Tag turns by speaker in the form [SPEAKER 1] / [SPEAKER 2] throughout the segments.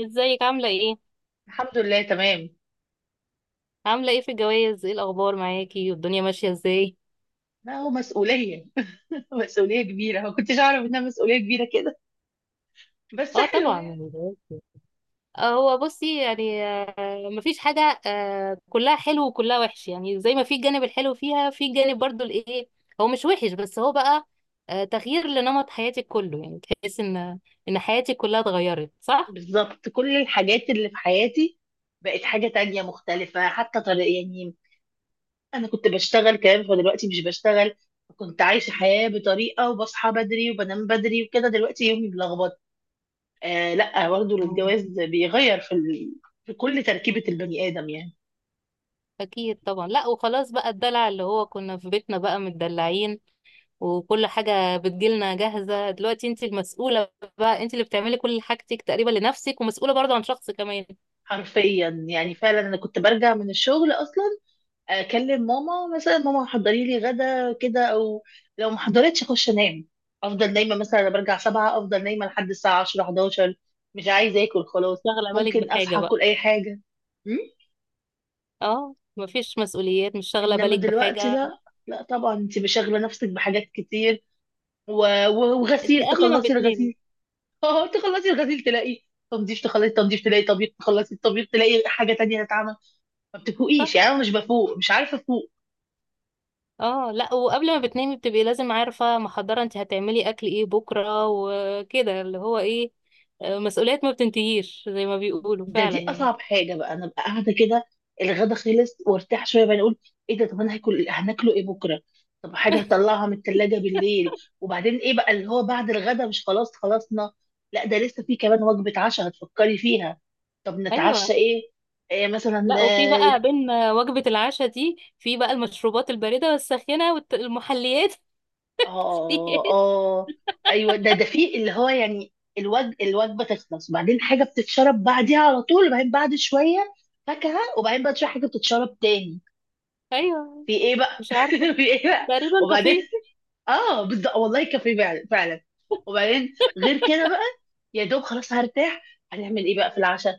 [SPEAKER 1] ازيك عاملة ايه؟
[SPEAKER 2] الحمد لله تمام.
[SPEAKER 1] عاملة ايه في الجواز؟ ايه الأخبار معاكي؟ والدنيا ماشية ازاي؟
[SPEAKER 2] لا هو مسؤولية. مسؤولية كبيرة، ما كنتش أعرف إنها مسؤولية كبيرة كده، بس
[SPEAKER 1] اه
[SPEAKER 2] حلوة
[SPEAKER 1] طبعا
[SPEAKER 2] يعني.
[SPEAKER 1] الجواز. هو بصي يعني، مفيش حاجة، كلها حلو وكلها وحش، يعني زي ما في الجانب الحلو فيها في الجانب برضو الايه. هو مش وحش بس هو بقى تغيير لنمط حياتك كله، يعني تحس ان حياتك كلها اتغيرت، صح؟
[SPEAKER 2] بالظبط كل الحاجات اللي في حياتي بقت حاجة تانية مختلفة، حتى طريقة يعني. أنا كنت بشتغل كمان فدلوقتي مش بشتغل. كنت عايشة حياة بطريقة وبصحى بدري وبنام بدري وكده، دلوقتي يومي ملخبط. آه لا برضه
[SPEAKER 1] آه.
[SPEAKER 2] الجواز بيغير في ال... في كل تركيبة البني آدم يعني.
[SPEAKER 1] أكيد طبعا. لا وخلاص بقى، الدلع اللي هو كنا في بيتنا بقى متدلعين وكل حاجة بتجيلنا جاهزة، دلوقتي انت المسؤولة بقى، انت اللي بتعملي كل حاجتك تقريبا لنفسك ومسؤولة برضه عن شخص كمان.
[SPEAKER 2] حرفيا
[SPEAKER 1] مش
[SPEAKER 2] يعني، فعلا أنا كنت برجع من الشغل أصلا اكلم ماما مثلا، ماما حضري لي غدا كده او لو ما حضرتش اخش انام. افضل نايمه، مثلا انا برجع 7 افضل نايمه لحد الساعه 10 11، مش عايزه اكل خلاص،
[SPEAKER 1] شاغلة بالك
[SPEAKER 2] ممكن
[SPEAKER 1] بحاجة
[SPEAKER 2] اصحى
[SPEAKER 1] بقى؟
[SPEAKER 2] اكل اي حاجه. م?
[SPEAKER 1] اه، مفيش مسؤوليات، مش شاغلة
[SPEAKER 2] انما
[SPEAKER 1] بالك
[SPEAKER 2] دلوقتي
[SPEAKER 1] بحاجة.
[SPEAKER 2] لا. لا طبعا انت مشغله نفسك بحاجات كتير، و...
[SPEAKER 1] انت
[SPEAKER 2] وغسيل،
[SPEAKER 1] قبل ما
[SPEAKER 2] تخلصي
[SPEAKER 1] بتنامي،
[SPEAKER 2] الغسيل. اه تخلصي الغسيل تلاقي تنظيف، تخلصي تنظيف تلاقي طبيب، تخلصي الطبيب تلاقي حاجه تانية تتعمل. ما بتفوقيش
[SPEAKER 1] صح؟
[SPEAKER 2] يعني، انا مش بفوق، مش عارفه افوق.
[SPEAKER 1] اه لا، وقبل ما بتنامي بتبقي لازم عارفة محضرة انت هتعملي اكل ايه بكرة وكده، اللي هو ايه، مسؤوليات ما بتنتهيش زي ما بيقولوا
[SPEAKER 2] ده
[SPEAKER 1] فعلا
[SPEAKER 2] دي
[SPEAKER 1] يعني.
[SPEAKER 2] اصعب حاجه بقى، انا بقى قاعده كده، الغدا خلص وارتاح شويه بقى اقول ايه ده؟ طب انا هاكل هناكله ايه بكره؟ طب حاجه هطلعها من الثلاجه بالليل. وبعدين ايه بقى اللي هو بعد الغدا؟ مش خلاص خلصنا؟ لا ده لسه في كمان وجبه عشاء هتفكري فيها. طب نتعشى
[SPEAKER 1] ايوه.
[SPEAKER 2] ايه، إيه مثلا.
[SPEAKER 1] لا وفي بقى بين وجبة العشاء دي، في بقى المشروبات الباردة والساخنة والمحليات.
[SPEAKER 2] اه اه آه، ايوه ده في اللي هو يعني، الوجبه تخلص وبعدين حاجه بتتشرب بعديها على طول، وبعدين بعد شويه فاكهه، وبعدين بعد شويه حاجه بتتشرب تاني.
[SPEAKER 1] ايوه.
[SPEAKER 2] في ايه بقى؟
[SPEAKER 1] مش عارفة،
[SPEAKER 2] في ايه بقى؟
[SPEAKER 1] تقريبا
[SPEAKER 2] وبعدين
[SPEAKER 1] كافيه.
[SPEAKER 2] اه بالظبط، والله كافيه فعلا فعلا. وبعدين غير كده بقى، يا دوب خلاص هرتاح، هنعمل ايه بقى في العشاء؟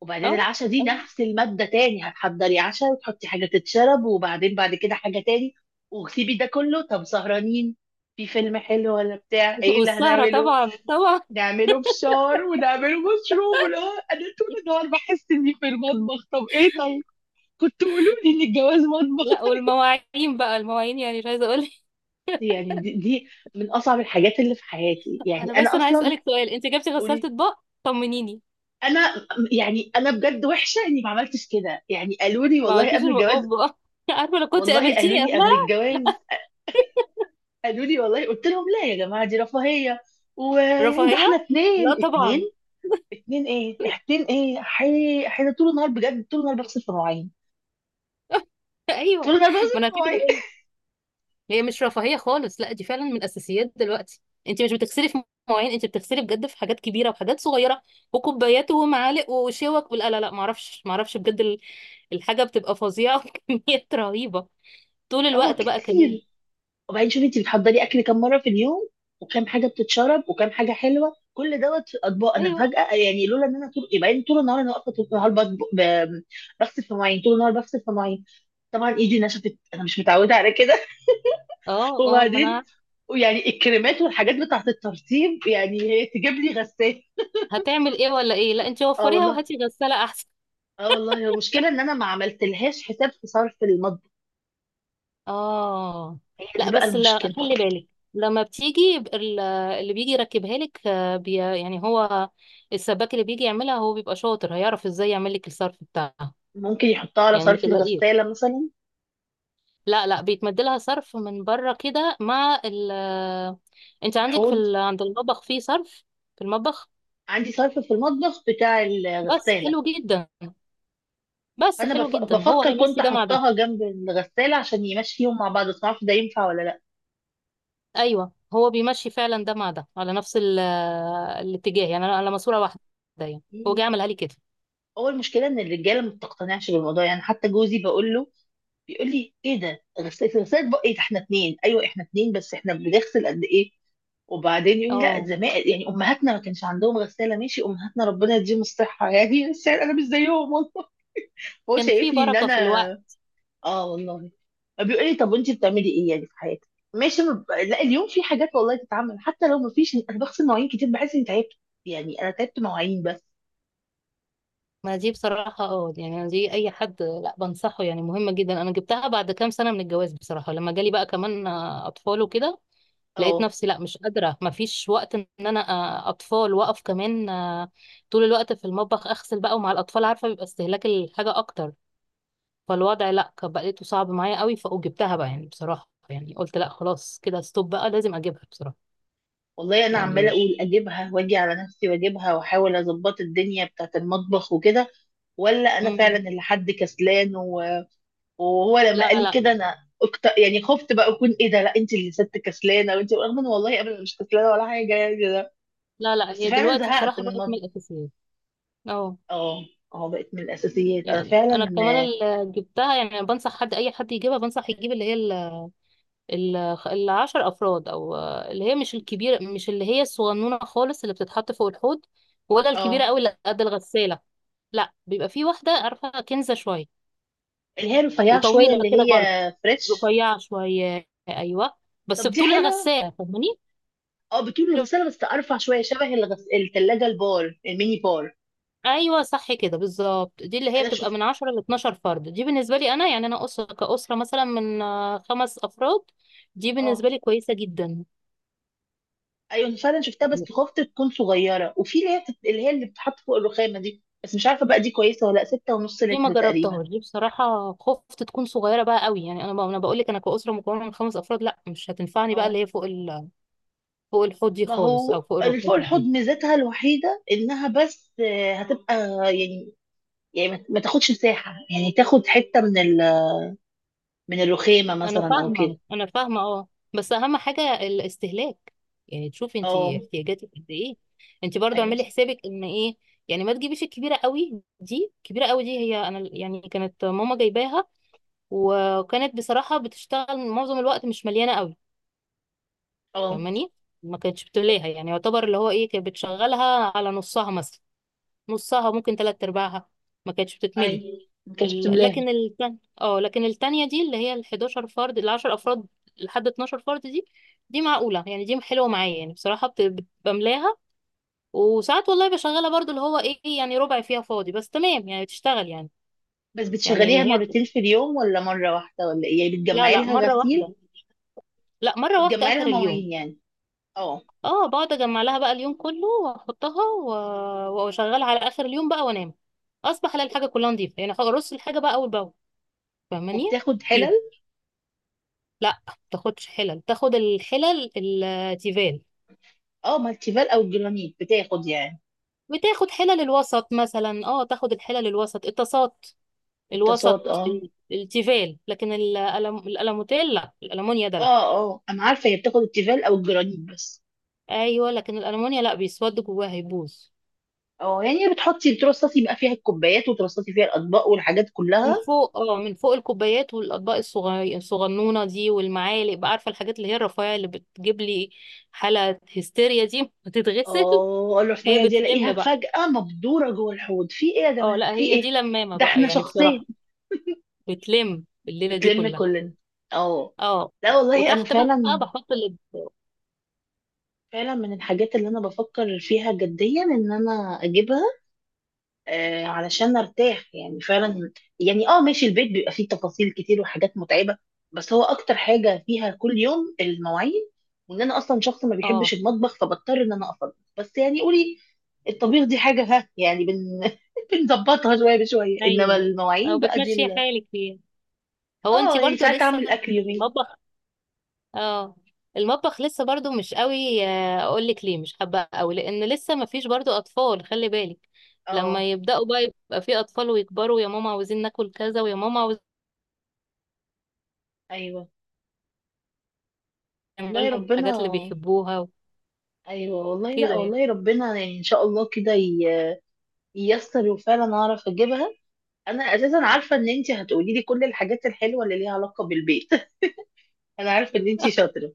[SPEAKER 2] وبعدين
[SPEAKER 1] اه.
[SPEAKER 2] العشاء دي
[SPEAKER 1] أيوة.
[SPEAKER 2] نفس المادة تاني، هتحضري عشاء وتحطي حاجة تتشرب وبعدين بعد كده حاجة تاني. وسيبي ده كله، طب سهرانين، في فيلم حلو ولا بتاع ايه اللي
[SPEAKER 1] والسهرة
[SPEAKER 2] هنعمله؟
[SPEAKER 1] طبعا، طبعا.
[SPEAKER 2] نعمله فشار ونعمله مشروب ولا؟ انا طول النهار بحس اني في المطبخ. طب ايه طيب؟ كنت قولوا لي ان الجواز مطبخ.
[SPEAKER 1] لا والمواعين بقى، المواعين، يعني مش عايزة اقول.
[SPEAKER 2] يعني دي من اصعب الحاجات اللي في حياتي يعني،
[SPEAKER 1] انا بس،
[SPEAKER 2] انا
[SPEAKER 1] انا عايز
[SPEAKER 2] اصلا.
[SPEAKER 1] اسألك سؤال، انت جبتي غسالة
[SPEAKER 2] قولي.
[SPEAKER 1] اطباق؟ طمنيني.
[SPEAKER 2] انا يعني انا بجد وحشه اني ما عملتش كده يعني، قالوا لي
[SPEAKER 1] ما
[SPEAKER 2] والله
[SPEAKER 1] عملتيش
[SPEAKER 2] قبل الجواز،
[SPEAKER 1] المقاب بقى. عارفة لو كنت
[SPEAKER 2] والله قالوا
[SPEAKER 1] قابلتيني
[SPEAKER 2] لي قبل
[SPEAKER 1] قبلها.
[SPEAKER 2] الجواز، قالوا لي والله. قلت لهم لا يا جماعه دي رفاهيه، ويعني ده احنا
[SPEAKER 1] رفاهية؟ لا
[SPEAKER 2] اتنين اتنين.
[SPEAKER 1] طبعا.
[SPEAKER 2] اتنين ايه اتنين ايه، احنا طول النهار بجد، طول النهار بغسل في مواعين، طول
[SPEAKER 1] ايوه،
[SPEAKER 2] النهار بغسل
[SPEAKER 1] ما انا
[SPEAKER 2] في مواعين.
[SPEAKER 1] كده. هي مش رفاهية خالص، لا دي فعلا من الأساسيات دلوقتي. انت مش بتغسلي في مواعين، انت بتغسلي بجد في حاجات كبيرة وحاجات صغيرة وكوبايات ومعالق وشوك، لا لا لا، معرفش معرفش بجد الحاجة بتبقى فظيعة، وكميات رهيبة طول
[SPEAKER 2] اه
[SPEAKER 1] الوقت بقى كمان.
[SPEAKER 2] كتير. وبعدين شوفي انت بتحضري اكل كام مره في اليوم، وكام حاجه بتتشرب، وكام حاجه حلوه، كل دوت في الاطباق. انا
[SPEAKER 1] ايوه.
[SPEAKER 2] فجاه يعني لولا ان انا طول، يبقى طول النهار انا واقفه طول النهار بغسل في مواعين، طول النهار بغسل في مواعين. طبعا ايدي نشفت، انا مش متعوده على كده.
[SPEAKER 1] اه اه، ما
[SPEAKER 2] وبعدين
[SPEAKER 1] انا
[SPEAKER 2] ويعني الكريمات والحاجات بتاعت الترطيب، يعني هي تجيب لي غسالة.
[SPEAKER 1] هتعمل ايه ولا ايه؟ لا انت
[SPEAKER 2] اه
[SPEAKER 1] وفريها
[SPEAKER 2] والله.
[SPEAKER 1] وهاتي غسالة احسن.
[SPEAKER 2] اه والله، هي المشكله ان انا ما عملتلهاش حساب في صرف المطبخ،
[SPEAKER 1] اه
[SPEAKER 2] هي دي
[SPEAKER 1] لا
[SPEAKER 2] بقى
[SPEAKER 1] بس، لا
[SPEAKER 2] المشكله.
[SPEAKER 1] خلي بالك، لما بتيجي اللي بيجي يركبها لك، آه، بي يعني هو السباك اللي بيجي يعملها هو بيبقى شاطر، هيعرف ازاي يعمل لك الصرف بتاعها،
[SPEAKER 2] ممكن يحطها على
[SPEAKER 1] يعني ما
[SPEAKER 2] صرف
[SPEAKER 1] تلاقيه.
[SPEAKER 2] الغساله مثلا.
[SPEAKER 1] لا لا، بيتمد لها صرف من بره كده مع ال انت عندك في
[SPEAKER 2] الحوض،
[SPEAKER 1] عند المطبخ فيه صرف. في المطبخ؟
[SPEAKER 2] عندي صرف في المطبخ بتاع
[SPEAKER 1] بس
[SPEAKER 2] الغسالة.
[SPEAKER 1] حلو جدا. بس
[SPEAKER 2] فأنا
[SPEAKER 1] حلو جدا، هو
[SPEAKER 2] بفكر كنت
[SPEAKER 1] هيمشي ده مع ده.
[SPEAKER 2] أحطها جنب الغسالة عشان يمشيهم مع بعض، بس معرفش ده ينفع ولا لأ.
[SPEAKER 1] ايوه هو بيمشي فعلا ده مع ده على نفس ال... آه، الاتجاه، يعني انا على ماسوره واحده يعني، هو
[SPEAKER 2] مم.
[SPEAKER 1] جاي عملها لي كده.
[SPEAKER 2] هو المشكلة إن الرجالة ما بتقتنعش بالموضوع يعني، حتى جوزي بقول له، بيقول لي إيه ده؟ غسالة؟ غسالة بقى إيه ده؟ إحنا اتنين. أيوه إحنا اتنين بس إحنا بنغسل قد إيه. وبعدين يقول لي لا،
[SPEAKER 1] اه،
[SPEAKER 2] زمان يعني أمهاتنا ما كانش عندهم غسالة. ماشي، أمهاتنا ربنا يديهم الصحة يعني، بس يعني أنا مش زيهم والله. هو
[SPEAKER 1] كان في
[SPEAKER 2] شايفني إن
[SPEAKER 1] بركة
[SPEAKER 2] أنا.
[SPEAKER 1] في الوقت.
[SPEAKER 2] اه والله. بيقول لي طب وانت بتعملي ايه يعني في حياتك؟ ماشي، ما ب- لا، اليوم في حاجات والله تتعمل، حتى لو ما فيش انا بغسل مواعين كتير بحس اني تعبت يعني. انا تعبت مواعين بس.
[SPEAKER 1] ما دي بصراحة اه، يعني دي أي حد لا بنصحه، يعني مهمة جدا. أنا جبتها بعد كام سنة من الجواز بصراحة، لما جالي بقى كمان أطفال وكده، لقيت
[SPEAKER 2] اه
[SPEAKER 1] نفسي لا مش قادرة، ما فيش وقت إن أنا أطفال وأقف كمان طول الوقت في المطبخ أغسل بقى، ومع الأطفال عارفة بيبقى استهلاك الحاجة أكتر، فالوضع لا كان بقيته صعب معايا قوي، فجبتها بقى يعني بصراحة، يعني قلت لا خلاص كده ستوب بقى، لازم أجيبها بصراحة
[SPEAKER 2] والله انا عماله
[SPEAKER 1] يعني.
[SPEAKER 2] اقول اجيبها واجي على نفسي واجيبها، واحاول اظبط الدنيا بتاعت المطبخ وكده، ولا انا فعلا
[SPEAKER 1] مم.
[SPEAKER 2] اللي حد كسلان و... وهو لما قال
[SPEAKER 1] لا
[SPEAKER 2] لي كده
[SPEAKER 1] لا،
[SPEAKER 2] انا يعني خفت بقى اكون ايه ده، لا انت اللي ست كسلانه. وانت رغم ان والله ابدا مش كسلانه ولا حاجه يعني ده.
[SPEAKER 1] لا لا،
[SPEAKER 2] بس
[SPEAKER 1] هي
[SPEAKER 2] فعلا
[SPEAKER 1] دلوقتي
[SPEAKER 2] زهقت
[SPEAKER 1] بصراحة
[SPEAKER 2] من
[SPEAKER 1] بقت من
[SPEAKER 2] المطبخ.
[SPEAKER 1] الأساسيات. اه،
[SPEAKER 2] اه اه بقت من الاساسيات انا
[SPEAKER 1] يعني انا
[SPEAKER 2] فعلا.
[SPEAKER 1] كمان اللي جبتها، يعني أنا بنصح حد، اي حد يجيبها بنصح يجيب اللي هي ال- العشر افراد، او اللي هي مش الكبيره، مش اللي هي الصغنونه خالص اللي بتتحط فوق الحوض، ولا الكبيره
[SPEAKER 2] اه
[SPEAKER 1] قوي اللي قد الغساله، لا بيبقى في واحده، عارفه كنزه شويه
[SPEAKER 2] اللي هي رفيعة شوية،
[SPEAKER 1] وطويله
[SPEAKER 2] اللي
[SPEAKER 1] كده
[SPEAKER 2] هي
[SPEAKER 1] برضه،
[SPEAKER 2] فريش.
[SPEAKER 1] رفيعه شويه ايوه، بس
[SPEAKER 2] طب دي
[SPEAKER 1] بطول
[SPEAKER 2] حلوة.
[SPEAKER 1] الغساله، فاهماني؟
[SPEAKER 2] اه بتقول الغسالة بس ارفع شوية، شبه التلاجة البار، الميني بار.
[SPEAKER 1] ايوه صح كده بالظبط. دي اللي هي
[SPEAKER 2] انا
[SPEAKER 1] بتبقى
[SPEAKER 2] شفت.
[SPEAKER 1] من 10 ل 12 فرد. دي بالنسبه لي انا، يعني انا اسره كاسره مثلا من خمس افراد، دي
[SPEAKER 2] اه
[SPEAKER 1] بالنسبه لي كويسه جدا.
[SPEAKER 2] ايوه أنا فعلا شفتها بس خفت تكون صغيرة، وفي اللي هي اللي هي اللي بتتحط فوق الرخامة دي، بس مش عارفة بقى دي كويسة ولا لأ. ستة ونص
[SPEAKER 1] دي ما
[SPEAKER 2] لتر تقريبا.
[SPEAKER 1] جربتهاش دي بصراحه، خفت تكون صغيره بقى قوي، يعني انا انا بقول لك انا كاسره مكونه من خمس افراد، لا مش هتنفعني بقى اللي
[SPEAKER 2] اه
[SPEAKER 1] هي فوق فوق الحوض دي
[SPEAKER 2] ما
[SPEAKER 1] خالص، او
[SPEAKER 2] هو
[SPEAKER 1] فوق
[SPEAKER 2] اللي
[SPEAKER 1] الركاب
[SPEAKER 2] فوق الحوض
[SPEAKER 1] دي.
[SPEAKER 2] ميزتها الوحيدة انها بس آه، هتبقى يعني، يعني ما تاخدش مساحة يعني، تاخد حتة من ال... من الرخامة
[SPEAKER 1] انا
[SPEAKER 2] مثلا او
[SPEAKER 1] فاهمه
[SPEAKER 2] كده.
[SPEAKER 1] انا فاهمه اه، بس اهم حاجه الاستهلاك، يعني تشوفي انت
[SPEAKER 2] اه
[SPEAKER 1] احتياجاتك قد ايه، انت برضو
[SPEAKER 2] ايوه
[SPEAKER 1] اعملي
[SPEAKER 2] صح.
[SPEAKER 1] حسابك ان ايه، يعني ما تجيبيش الكبيره قوي دي. الكبيره قوي دي هي انا يعني كانت ماما جايباها، وكانت بصراحه بتشتغل معظم الوقت مش مليانه قوي،
[SPEAKER 2] اه
[SPEAKER 1] فاهماني؟ ما كانتش بتملاها يعني، يعتبر اللي هو ايه، كانت بتشغلها على نصها مثلا، نصها ممكن تلات ارباعها، ما كانتش بتتملي.
[SPEAKER 2] اي ما كانتش بتملاها.
[SPEAKER 1] لكن التانية اه، لكن التانية دي اللي هي ال 11 فرد، ال 10 افراد لحد 12 فرد دي، دي معقولة يعني، دي حلوة معايا يعني بصراحة، بملاها، وساعات والله بشغلها برضو اللي هو ايه، يعني ربع فيها فاضي بس تمام، يعني بتشتغل يعني.
[SPEAKER 2] بس
[SPEAKER 1] يعني ان
[SPEAKER 2] بتشغليها
[SPEAKER 1] هي،
[SPEAKER 2] مرتين في اليوم ولا مرة واحدة ولا ايه يعني؟
[SPEAKER 1] لا
[SPEAKER 2] بتجمعي
[SPEAKER 1] لا،
[SPEAKER 2] لها
[SPEAKER 1] مرة
[SPEAKER 2] غسيل؟
[SPEAKER 1] واحدة. لا مرة واحدة
[SPEAKER 2] بتجمعي لها
[SPEAKER 1] اخر اليوم.
[SPEAKER 2] مواعين يعني. اه
[SPEAKER 1] اه بقعد اجمع لها بقى اليوم كله، واحطها واشغلها على اخر اليوم بقى وانام، اصبح الاقي الحاجة كلها نظيفة، يعني ارص الحاجة بقى اول باول، فاهماني؟
[SPEAKER 2] وبتاخد حلل؟
[SPEAKER 1] لا تاخدش حلل، تاخد الحلل التيفال،
[SPEAKER 2] اه مالتيفال او الجرانيت بتاخد يعني.
[SPEAKER 1] بتاخد حلل الوسط مثلا، اه تاخد الحلل الوسط، الطاسات
[SPEAKER 2] الطاسات.
[SPEAKER 1] الوسط
[SPEAKER 2] اه
[SPEAKER 1] التيفال، لكن الألموتيل، لا الألمونيا ده لا.
[SPEAKER 2] اه. اه انا عارفة، هي بتاخد التيفال او الجرانيت بس.
[SPEAKER 1] ايوه لكن الألمونيا لا، بيسود جواها، هيبوظ.
[SPEAKER 2] اه يعني بتحطي ترصصي بقى فيها الكوبايات، وترصصي فيها الاطباق والحاجات كلها.
[SPEAKER 1] من فوق، اه من فوق الكوبايات والأطباق الصغير الصغنونة دي، والمعالق بقى، عارفة الحاجات اللي هي الرفيعة اللي بتجيب لي حالة هستيريا دي، بتتغسل.
[SPEAKER 2] اه
[SPEAKER 1] هي
[SPEAKER 2] الرفاهية دي الاقيها
[SPEAKER 1] بتلم بقى،
[SPEAKER 2] فجأة مبدورة جوه الحوض، في ايه يا
[SPEAKER 1] اه
[SPEAKER 2] جماعة،
[SPEAKER 1] لا
[SPEAKER 2] في
[SPEAKER 1] هي
[SPEAKER 2] ايه؟
[SPEAKER 1] دي لمامة
[SPEAKER 2] ده
[SPEAKER 1] بقى
[SPEAKER 2] احنا
[SPEAKER 1] يعني بصراحة،
[SPEAKER 2] شخصين.
[SPEAKER 1] بتلم الليلة دي
[SPEAKER 2] بتلم
[SPEAKER 1] كلها.
[SPEAKER 2] كلنا. اه.
[SPEAKER 1] اه.
[SPEAKER 2] لا والله انا
[SPEAKER 1] وتحت بقى
[SPEAKER 2] فعلا،
[SPEAKER 1] بحط ال
[SPEAKER 2] فعلا من الحاجات اللي انا بفكر فيها جديا ان انا اجيبها آه علشان ارتاح يعني فعلا. يعني اه ماشي، البيت بيبقى فيه تفاصيل كتير وحاجات متعبة، بس هو اكتر حاجة فيها كل يوم المواعين. وان انا اصلا شخص ما بيحبش
[SPEAKER 1] اه.
[SPEAKER 2] المطبخ، فبضطر ان انا اطبخ بس. يعني قولي، الطبيخ دي حاجة ها يعني بنظبطها شوية بشوية، انما
[SPEAKER 1] ايوه، او
[SPEAKER 2] المواعين بقى دي
[SPEAKER 1] بتمشي
[SPEAKER 2] ال-.
[SPEAKER 1] حالك فيها. هو انت
[SPEAKER 2] اه يعني
[SPEAKER 1] برضو
[SPEAKER 2] ساعات
[SPEAKER 1] لسه
[SPEAKER 2] اعمل اكل يومين.
[SPEAKER 1] المطبخ، اه المطبخ لسه برضو مش قوي، اقول لك ليه مش حابه قوي؟ لان لسه ما فيش برضو اطفال، خلي بالك.
[SPEAKER 2] اه
[SPEAKER 1] لما يبداوا بقى، يبقى في اطفال ويكبروا، يا ماما عاوزين ناكل كذا، ويا ماما عاوزين
[SPEAKER 2] ايوه والله
[SPEAKER 1] نعمل لهم
[SPEAKER 2] ربنا،
[SPEAKER 1] الحاجات اللي بيحبوها
[SPEAKER 2] ايوه والله. لا
[SPEAKER 1] وكده يعني.
[SPEAKER 2] والله ربنا يعني ان شاء الله كده ييسر وفعلا اعرف اجيبها. انا اساسا عارفه ان انتي هتقولي لي كل الحاجات الحلوه اللي ليها علاقه بالبيت، انا عارفه ان انتي شاطره.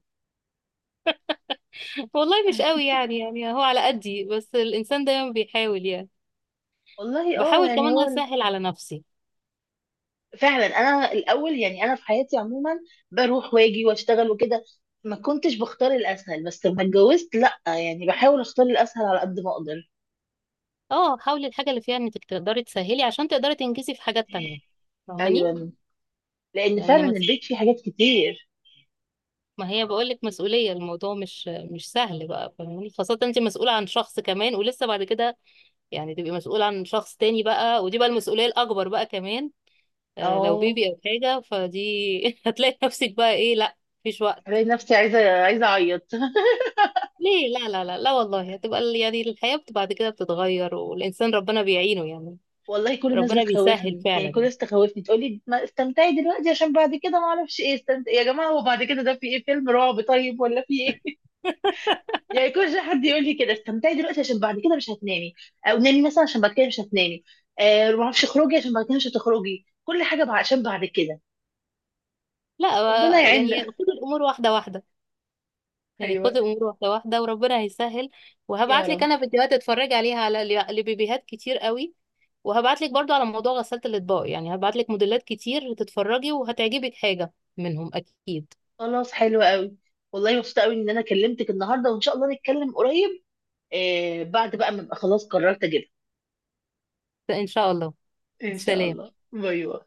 [SPEAKER 1] والله مش قوي يعني، يعني هو على قدي، بس الانسان دايما بيحاول يعني،
[SPEAKER 2] والله اه،
[SPEAKER 1] بحاول
[SPEAKER 2] يعني
[SPEAKER 1] كمان
[SPEAKER 2] هو ال-.
[SPEAKER 1] اسهل على نفسي.
[SPEAKER 2] فعلا انا الاول يعني، انا في حياتي عموما بروح واجي واشتغل وكده، ما كنتش بختار الاسهل، بس لما اتجوزت لا يعني بحاول اختار الاسهل على قد ما اقدر.
[SPEAKER 1] اه حاولي الحاجة اللي فيها انك تقدري تسهلي عشان تقدري تنجزي في حاجات تانية، فاهماني؟
[SPEAKER 2] ايوه، لان
[SPEAKER 1] لان
[SPEAKER 2] فعلا
[SPEAKER 1] مس...
[SPEAKER 2] البيت فيه حاجات كتير.
[SPEAKER 1] ما هي بقولك مسؤولية، الموضوع مش مش سهل بقى، فاهماني؟ خاصة انت مسؤولة عن شخص كمان، ولسه بعد كده يعني تبقي مسؤولة عن شخص تاني بقى، ودي بقى المسؤولية الأكبر بقى كمان. آه لو
[SPEAKER 2] اه
[SPEAKER 1] بيبي أو حاجة فدي، هتلاقي نفسك بقى ايه، لا مفيش وقت.
[SPEAKER 2] بلاقي نفسي عايزه عايزه اعيط.
[SPEAKER 1] ليه؟ لا لا، لا لا، والله هتبقى يعني الحياة بعد كده بتتغير، والإنسان ربنا بيعينه يعني،
[SPEAKER 2] والله كل الناس
[SPEAKER 1] ربنا بيسهل
[SPEAKER 2] بتخوفني يعني،
[SPEAKER 1] فعلا.
[SPEAKER 2] كل الناس تخوفني تقول لي ما استمتعي دلوقتي عشان بعد كده ما اعرفش ايه. استمتعي يا جماعه، هو بعد كده ده في ايه، فيلم رعب طيب ولا في ايه؟ يعني كل شويه حد يقول لي كده استمتعي دلوقتي عشان بعد كده مش هتنامي، او نامي مثلا عشان بعد كده مش هتنامي، آه ما اعرفش اخرجي عشان بعد كده مش هتخرجي، كل حاجه عشان بعد كده.
[SPEAKER 1] لا،
[SPEAKER 2] ربنا
[SPEAKER 1] يعني
[SPEAKER 2] يعيننا.
[SPEAKER 1] خد الامور واحده واحده، يعني خد
[SPEAKER 2] ايوه.
[SPEAKER 1] الامور واحده واحده وربنا هيسهل.
[SPEAKER 2] يا
[SPEAKER 1] وهبعت لك
[SPEAKER 2] رب.
[SPEAKER 1] انا فيديوهات اتفرج عليها على لبيبيهات كتير قوي، وهبعت لك برضو على موضوع غسالة الاطباق، يعني هبعت لك موديلات كتير تتفرجي وهتعجبك حاجه منهم اكيد.
[SPEAKER 2] خلاص حلو قوي. والله مبسوطه قوي ان انا كلمتك النهارده، وان شاء الله نتكلم قريب آه بعد بقى ما ابقى خلاص قررت اجيبها.
[SPEAKER 1] فان شاء الله.
[SPEAKER 2] ان شاء
[SPEAKER 1] سلام.
[SPEAKER 2] الله. باي باي.